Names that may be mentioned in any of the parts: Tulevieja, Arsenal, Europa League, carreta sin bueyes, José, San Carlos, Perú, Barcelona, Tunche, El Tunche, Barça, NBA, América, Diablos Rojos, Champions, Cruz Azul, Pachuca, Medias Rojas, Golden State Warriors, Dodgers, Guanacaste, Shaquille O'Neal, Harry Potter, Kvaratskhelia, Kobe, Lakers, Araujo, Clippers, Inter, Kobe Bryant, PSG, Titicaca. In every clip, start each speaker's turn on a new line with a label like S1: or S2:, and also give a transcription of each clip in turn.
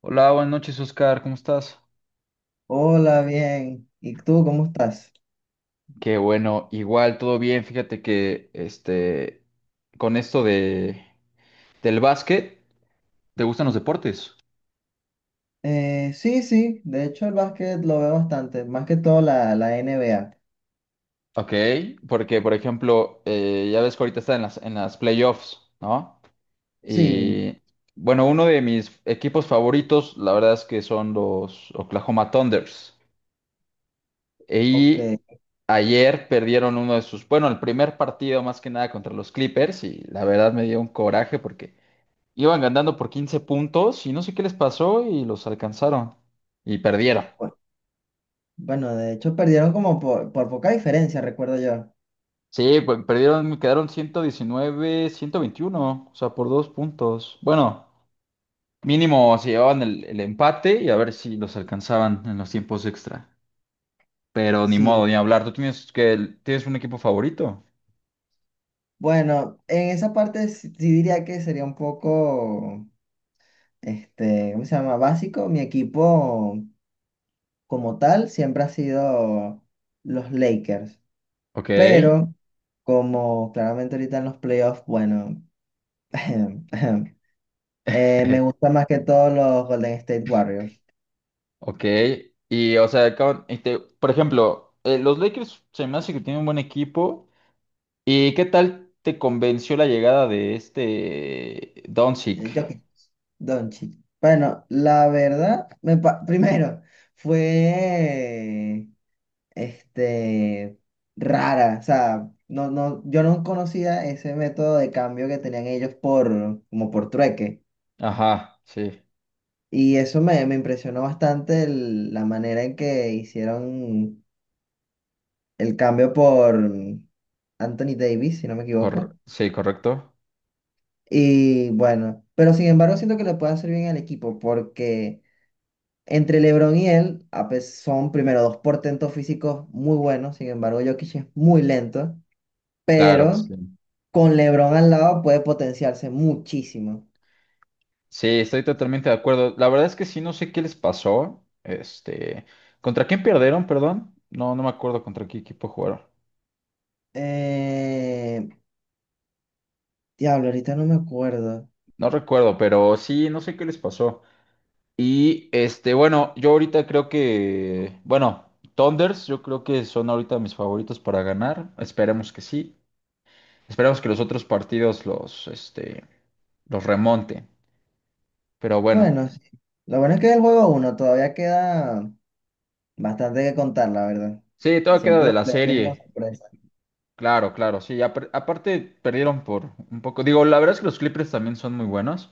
S1: Hola, buenas noches, Oscar, ¿cómo estás?
S2: Hola, bien. ¿Y tú cómo estás?
S1: Qué bueno, igual todo bien. Fíjate que con esto de del básquet, ¿te gustan los deportes?
S2: Sí, sí, de hecho el básquet lo veo bastante, más que todo la NBA.
S1: Ok, porque por ejemplo, ya ves que ahorita está en las playoffs, ¿no?
S2: Sí,
S1: Y bueno, uno de mis equipos favoritos, la verdad es que son los Oklahoma Thunders. Y
S2: ok.
S1: ayer perdieron uno de sus, bueno, el primer partido más que nada contra los Clippers y la verdad me dio un coraje porque iban ganando por 15 puntos y no sé qué les pasó y los alcanzaron. Y perdieron.
S2: bu- Bueno, de hecho perdieron como por poca diferencia, recuerdo yo.
S1: Sí, pues perdieron, quedaron 119, 121, o sea, por dos puntos. Bueno, mínimo se llevaban el empate y a ver si los alcanzaban en los tiempos extra. Pero ni modo,
S2: Sí,
S1: ni hablar. ¿Tú tienes que tienes un equipo favorito?
S2: bueno, en esa parte sí, sí diría que sería un poco, este, ¿cómo se llama? Básico. Mi equipo como tal siempre ha sido los Lakers,
S1: Ok,
S2: pero como claramente ahorita en los playoffs, bueno. Me gusta más que todos los Golden State Warriors.
S1: ok. Y o sea, por ejemplo, los Lakers se me hace que tienen un buen equipo. ¿Y qué tal te convenció la llegada de este Doncic?
S2: Jokic, Doncic. Bueno, la verdad, primero, fue este, rara. O sea, no, no, yo no conocía ese método de cambio que tenían ellos por, como por trueque.
S1: Ajá, sí,
S2: Y eso me impresionó bastante la manera en que hicieron el cambio por Anthony Davis, si no me equivoco.
S1: sí, correcto.
S2: Y bueno, pero sin embargo siento que le puede hacer bien al equipo porque entre LeBron y él son primero dos portentos físicos muy buenos, sin embargo Jokic es muy lento,
S1: Claro,
S2: pero
S1: sí.
S2: con LeBron al lado puede potenciarse muchísimo.
S1: Sí, estoy totalmente de acuerdo. La verdad es que sí, no sé qué les pasó. Este, ¿contra quién perdieron, perdón? No, no me acuerdo contra qué equipo jugaron.
S2: Eh, Diablo, ahorita no me acuerdo.
S1: No recuerdo, pero sí, no sé qué les pasó. Y bueno, yo ahorita creo que, bueno, Thunders, yo creo que son ahorita mis favoritos para ganar. Esperemos que sí. Esperemos que los otros partidos los, los remonten. Pero bueno,
S2: Bueno, sí. Lo bueno es que es el juego uno, todavía queda bastante que contar, la verdad.
S1: sí,
S2: Y
S1: todo queda
S2: siempre
S1: de
S2: los
S1: la
S2: playoffs vienen con
S1: serie.
S2: sorpresa.
S1: Claro, claro, sí. Aparte perdieron por un poco. Digo, la verdad es que los Clippers también son muy buenos.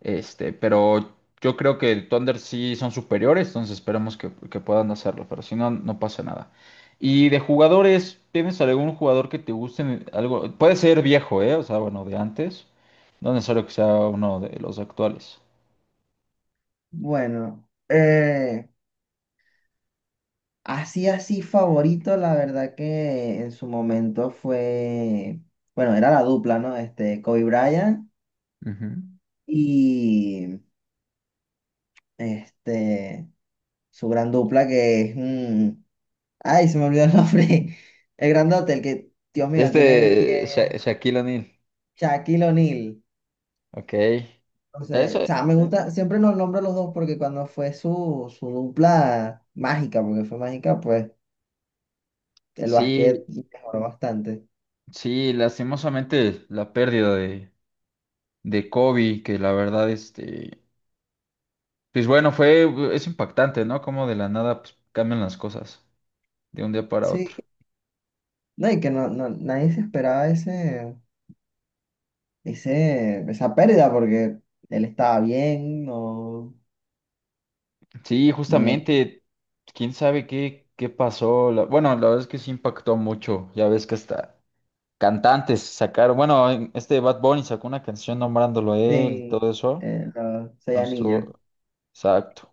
S1: Este, pero yo creo que el Thunder sí son superiores, entonces esperemos que puedan hacerlo. Pero si no, no pasa nada. Y de jugadores, ¿tienes algún jugador que te guste? Algo, puede ser viejo, ¿eh? O sea, bueno, de antes. No necesario que sea uno de los actuales.
S2: Bueno, así, así favorito, la verdad que en su momento fue, bueno, era la dupla, ¿no? Kobe Bryant
S1: Ujú.
S2: y este, su gran dupla que es, ay, se me olvidó el nombre, el grandote, el que, Dios mío, tiene el pie,
S1: Este Shaquille O'Neal.
S2: Shaquille O'Neal.
S1: Ok.
S2: Entonces, o
S1: Eso,
S2: sea, me gusta, siempre los nombro los dos porque cuando fue su dupla mágica, porque fue mágica, pues el básquet
S1: sí,
S2: mejoró bastante.
S1: sí, lastimosamente la pérdida de Kobe, que la verdad, pues bueno, fue, es impactante, ¿no? Como de la nada, pues, cambian las cosas de un día para otro.
S2: Sí. No, y que no, no, nadie se esperaba ese. Esa pérdida porque él estaba bien, no,
S1: Sí,
S2: no viene.
S1: justamente, quién sabe qué, qué pasó. Bueno, la verdad es que sí impactó mucho. Ya ves que hasta cantantes sacaron, bueno, este Bad Bunny sacó una canción nombrándolo a él y
S2: Sí,
S1: todo eso.
S2: los seis
S1: Entonces,
S2: anillos.
S1: exacto.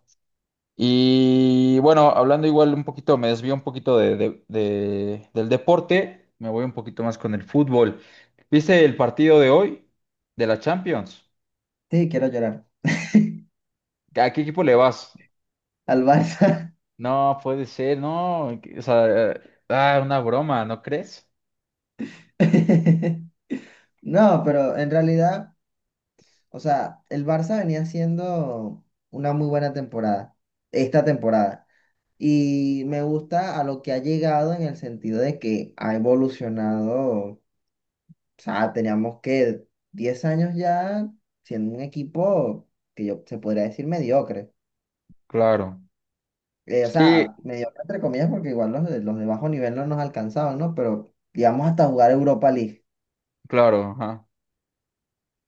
S1: Y bueno, hablando igual un poquito, me desvío un poquito de, del deporte, me voy un poquito más con el fútbol. ¿Viste el partido de hoy de la Champions?
S2: Sí, quiero llorar.
S1: ¿A qué equipo le vas?
S2: Al Barça.
S1: No, puede ser, no. O sea, ah, una broma, ¿no crees?
S2: No, pero en realidad, o sea, el Barça venía haciendo una muy buena temporada, esta temporada. Y me gusta a lo que ha llegado en el sentido de que ha evolucionado, o sea, teníamos que 10 años ya siendo un equipo que yo se podría decir mediocre.
S1: Claro.
S2: O
S1: Sí,
S2: sea, mediocre entre comillas, porque igual los de bajo nivel no nos alcanzaban, ¿no? Pero llegamos hasta jugar Europa League.
S1: claro, ajá.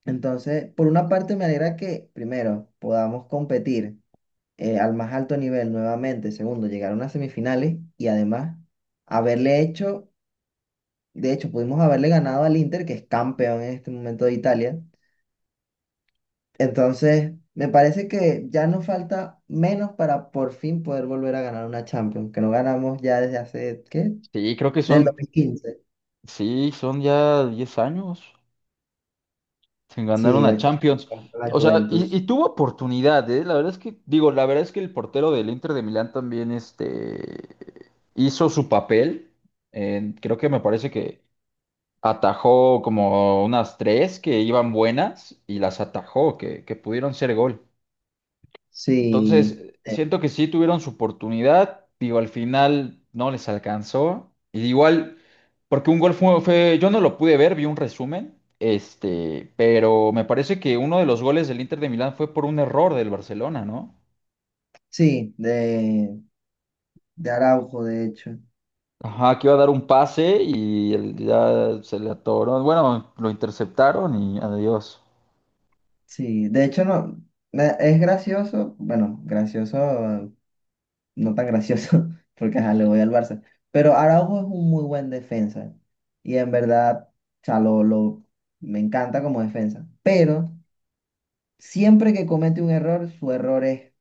S2: Entonces, por una parte me alegra que, primero, podamos competir al más alto nivel nuevamente. Segundo, llegar a unas semifinales y además haberle hecho, de hecho, pudimos haberle ganado al Inter, que es campeón en este momento de Italia. Entonces, me parece que ya nos falta menos para por fin poder volver a ganar una Champions, que no ganamos ya desde hace, ¿qué?
S1: Sí, creo que
S2: Del
S1: son,
S2: 2015.
S1: sí, son ya 10 años. Se
S2: Sí,
S1: ganaron
S2: de
S1: a
S2: aquella,
S1: Champions.
S2: contra la
S1: O sea, y
S2: Juventus.
S1: tuvo oportunidad, ¿eh? La verdad es que, digo, la verdad es que el portero del Inter de Milán también, hizo su papel. Creo que me parece que atajó como unas tres que iban buenas y las atajó, que pudieron ser gol.
S2: Sí,
S1: Entonces, siento que sí tuvieron su oportunidad, digo, al final no les alcanzó. Y igual, porque un gol fue, yo no lo pude ver, vi un resumen, pero me parece que uno de los goles del Inter de Milán fue por un error del Barcelona, ¿no?
S2: sí, de Araujo, de hecho.
S1: Ajá, que iba a dar un pase y él ya se le atoró. Bueno, lo interceptaron y adiós.
S2: Sí, de hecho no, es gracioso, bueno, gracioso, no tan gracioso, porque ajá, le voy al Barça, pero Araujo es un muy buen defensa y en verdad, o sea, me encanta como defensa, pero siempre que comete un error, su error es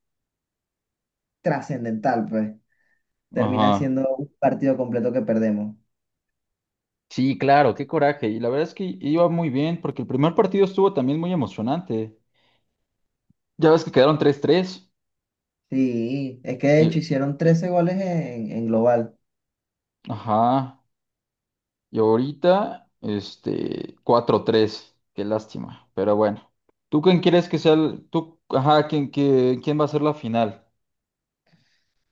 S2: trascendental, pues termina
S1: Ajá.
S2: siendo un partido completo que perdemos.
S1: Sí, claro, qué coraje. Y la verdad es que iba muy bien, porque el primer partido estuvo también muy emocionante. Ya ves que quedaron tres tres.
S2: Sí, es que de hecho hicieron 13 goles en global.
S1: Ajá. Y ahorita, cuatro tres. Qué lástima. Pero bueno. ¿Tú quién quieres que sea el... Tú, ajá, ¿quién, quién va a ser la final?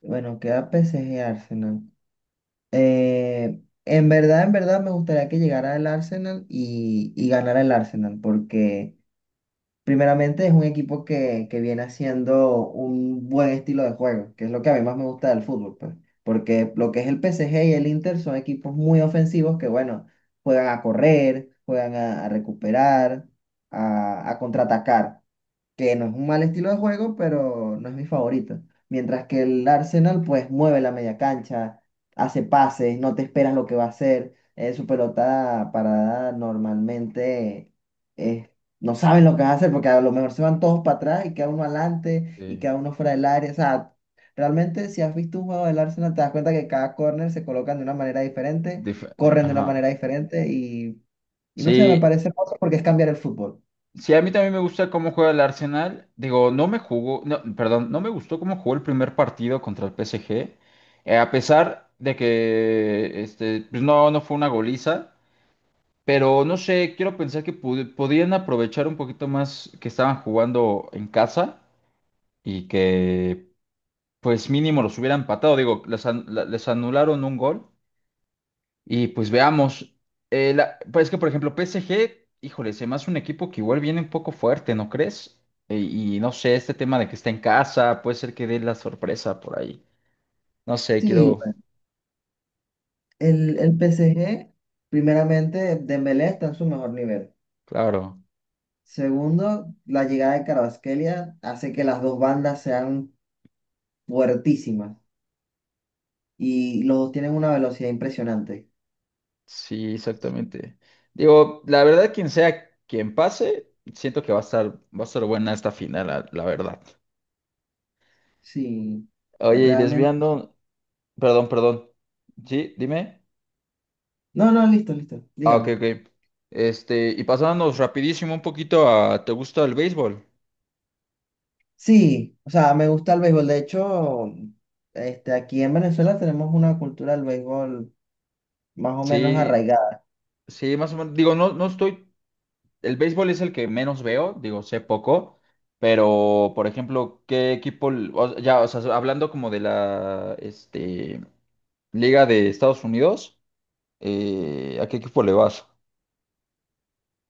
S2: Bueno, queda PSG. Arsenal. En verdad, en verdad me gustaría que llegara el Arsenal y ganara el Arsenal, porque primeramente es un equipo que viene haciendo un buen estilo de juego, que es lo que a mí más me gusta del fútbol, pues. Porque lo que es el PSG y el Inter son equipos muy ofensivos que, bueno, juegan a correr, juegan a recuperar, a a contraatacar. Que no es un mal estilo de juego, pero no es mi favorito. Mientras que el Arsenal, pues mueve la media cancha, hace pases, no te esperas lo que va a hacer. Su pelota parada normalmente eh, no saben lo que va a hacer porque a lo mejor se van todos para atrás y queda uno adelante y
S1: Eh,
S2: queda uno fuera del área. O sea, realmente si has visto un juego del Arsenal, te das cuenta que cada corner se colocan de una manera diferente,
S1: dif-
S2: corren de una manera
S1: ajá.
S2: diferente y no sé, me
S1: Sí,
S2: parece hermoso porque es cambiar el fútbol.
S1: sí, a mí también me gusta cómo juega el Arsenal. Digo, no me jugó, no, perdón, no me gustó cómo jugó el primer partido contra el PSG. A pesar de que, pues no, no fue una goliza. Pero no sé, quiero pensar que podían aprovechar un poquito más que estaban jugando en casa y que pues mínimo los hubiera empatado, digo, les, les anularon un gol y pues veamos. Pues es que por ejemplo PSG, híjole, se me hace un equipo que igual viene un poco fuerte, ¿no crees? Y no sé, este tema de que está en casa, puede ser que dé la sorpresa por ahí, no sé,
S2: Sí,
S1: quiero,
S2: el PSG primeramente, Dembélé está en su mejor nivel.
S1: claro,
S2: Segundo, la llegada de Kvaratskhelia hace que las dos bandas sean fuertísimas y los dos tienen una velocidad impresionante.
S1: sí, exactamente. Digo, la verdad, quien sea quien pase, siento que va a estar buena esta final, la verdad.
S2: Sí,
S1: Oye, y
S2: realmente.
S1: desviando, perdón, perdón. Sí, dime.
S2: No, no, listo, listo,
S1: Ah, ok,
S2: dígame.
S1: ok. Este, y pasándonos rapidísimo un poquito a, ¿te gusta el béisbol?
S2: Sí, o sea, me gusta el béisbol. De hecho, aquí en Venezuela tenemos una cultura del béisbol más o menos
S1: Sí,
S2: arraigada.
S1: sí, más o menos. Digo, no, no estoy, el béisbol es el que menos veo, digo, sé poco, pero, por ejemplo, ¿qué equipo, ya, o sea, hablando como de la, Liga de Estados Unidos, ¿a qué equipo le vas?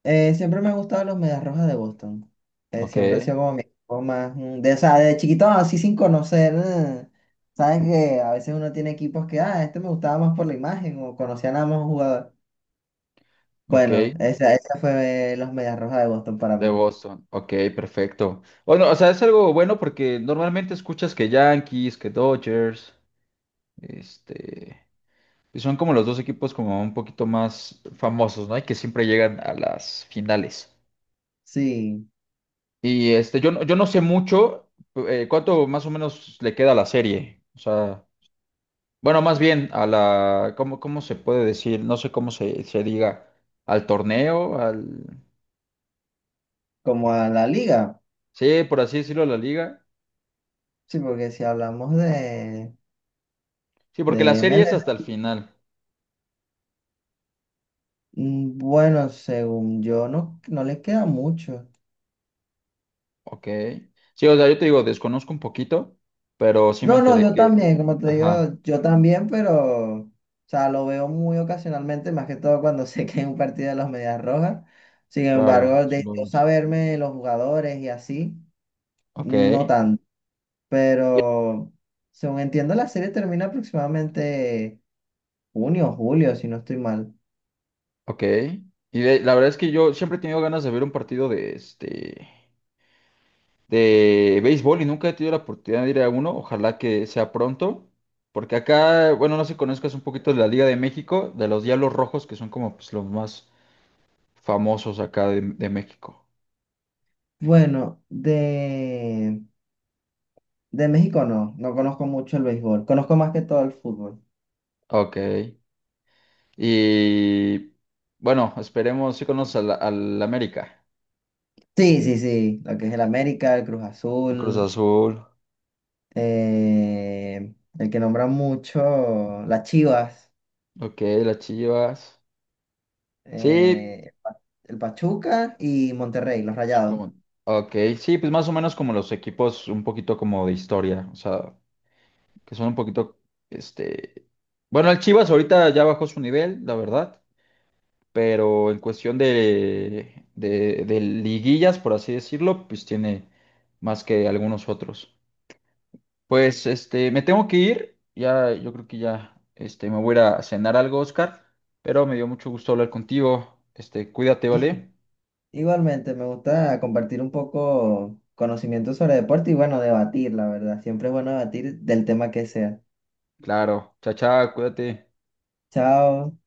S2: Siempre me han gustado los Medias Rojas de Boston.
S1: Ok,
S2: Siempre ha sido como mi equipo más. De, o sea, de chiquito así sin conocer. Sabes que a veces uno tiene equipos que, ah, este me gustaba más por la imagen o conocía nada más un jugador. Bueno,
S1: ok.
S2: esa fue los Medias Rojas de Boston para
S1: De
S2: mí.
S1: Boston, ok, perfecto. Bueno, o sea, es algo bueno porque normalmente escuchas que Yankees, que Dodgers, este... Y son como los dos equipos como un poquito más famosos, ¿no? Y que siempre llegan a las finales.
S2: Sí,
S1: Y yo, yo no sé mucho cuánto más o menos le queda a la serie. O sea, bueno, más bien a la, ¿cómo, cómo se puede decir? No sé cómo se, se diga. Al torneo, al...
S2: como a la liga.
S1: Sí, por así decirlo, a la liga.
S2: Sí, porque si hablamos de,
S1: Sí, porque la
S2: de
S1: serie es hasta el
S2: MLB,
S1: final.
S2: bueno, según yo, no, no les queda mucho.
S1: Ok. Sí, o sea, yo te digo, desconozco un poquito, pero sí me
S2: No, no,
S1: enteré
S2: yo
S1: que...
S2: también, como te digo,
S1: Ajá,
S2: yo también, pero, o sea, lo veo muy ocasionalmente, más que todo cuando sé que hay un partido de los Medias Rojas. Sin
S1: claro,
S2: embargo,
S1: eso
S2: de
S1: lo
S2: yo
S1: es.
S2: saberme los jugadores y así,
S1: Ok.
S2: no tanto. Pero, según entiendo, la serie termina aproximadamente junio, julio, si no estoy mal.
S1: Ok. La verdad es que yo siempre he tenido ganas de ver un partido de de béisbol y nunca he tenido la oportunidad de ir a uno. Ojalá que sea pronto. Porque acá, bueno, no sé si conozcas un poquito de la Liga de México, de los Diablos Rojos, que son como pues, los más famosos acá de México.
S2: Bueno, de México no, no conozco mucho el béisbol, conozco más que todo el fútbol.
S1: Ok. Y bueno, esperemos si conoces al, al América,
S2: Sí, sí, sí, lo que es el América, el Cruz
S1: en Cruz
S2: Azul.
S1: Azul.
S2: eh, el que nombra mucho, las Chivas,
S1: Ok, las Chivas. Sí,
S2: el Pachuca y Monterrey, los
S1: sí,
S2: Rayados.
S1: como... Ok, sí, pues más o menos como los equipos un poquito como de historia, o sea, que son un poquito, este... Bueno, el Chivas ahorita ya bajó su nivel, la verdad, pero en cuestión de, de liguillas, por así decirlo, pues tiene más que algunos otros. Pues, me tengo que ir, ya, yo creo que ya, me voy a ir a cenar algo, Oscar, pero me dio mucho gusto hablar contigo, cuídate,
S2: Y-
S1: ¿vale?
S2: Igualmente, me gusta compartir un poco conocimiento sobre deporte y bueno, debatir, la verdad. Siempre es bueno debatir del tema que sea.
S1: Claro, chao, chao, cuídate.
S2: Chao.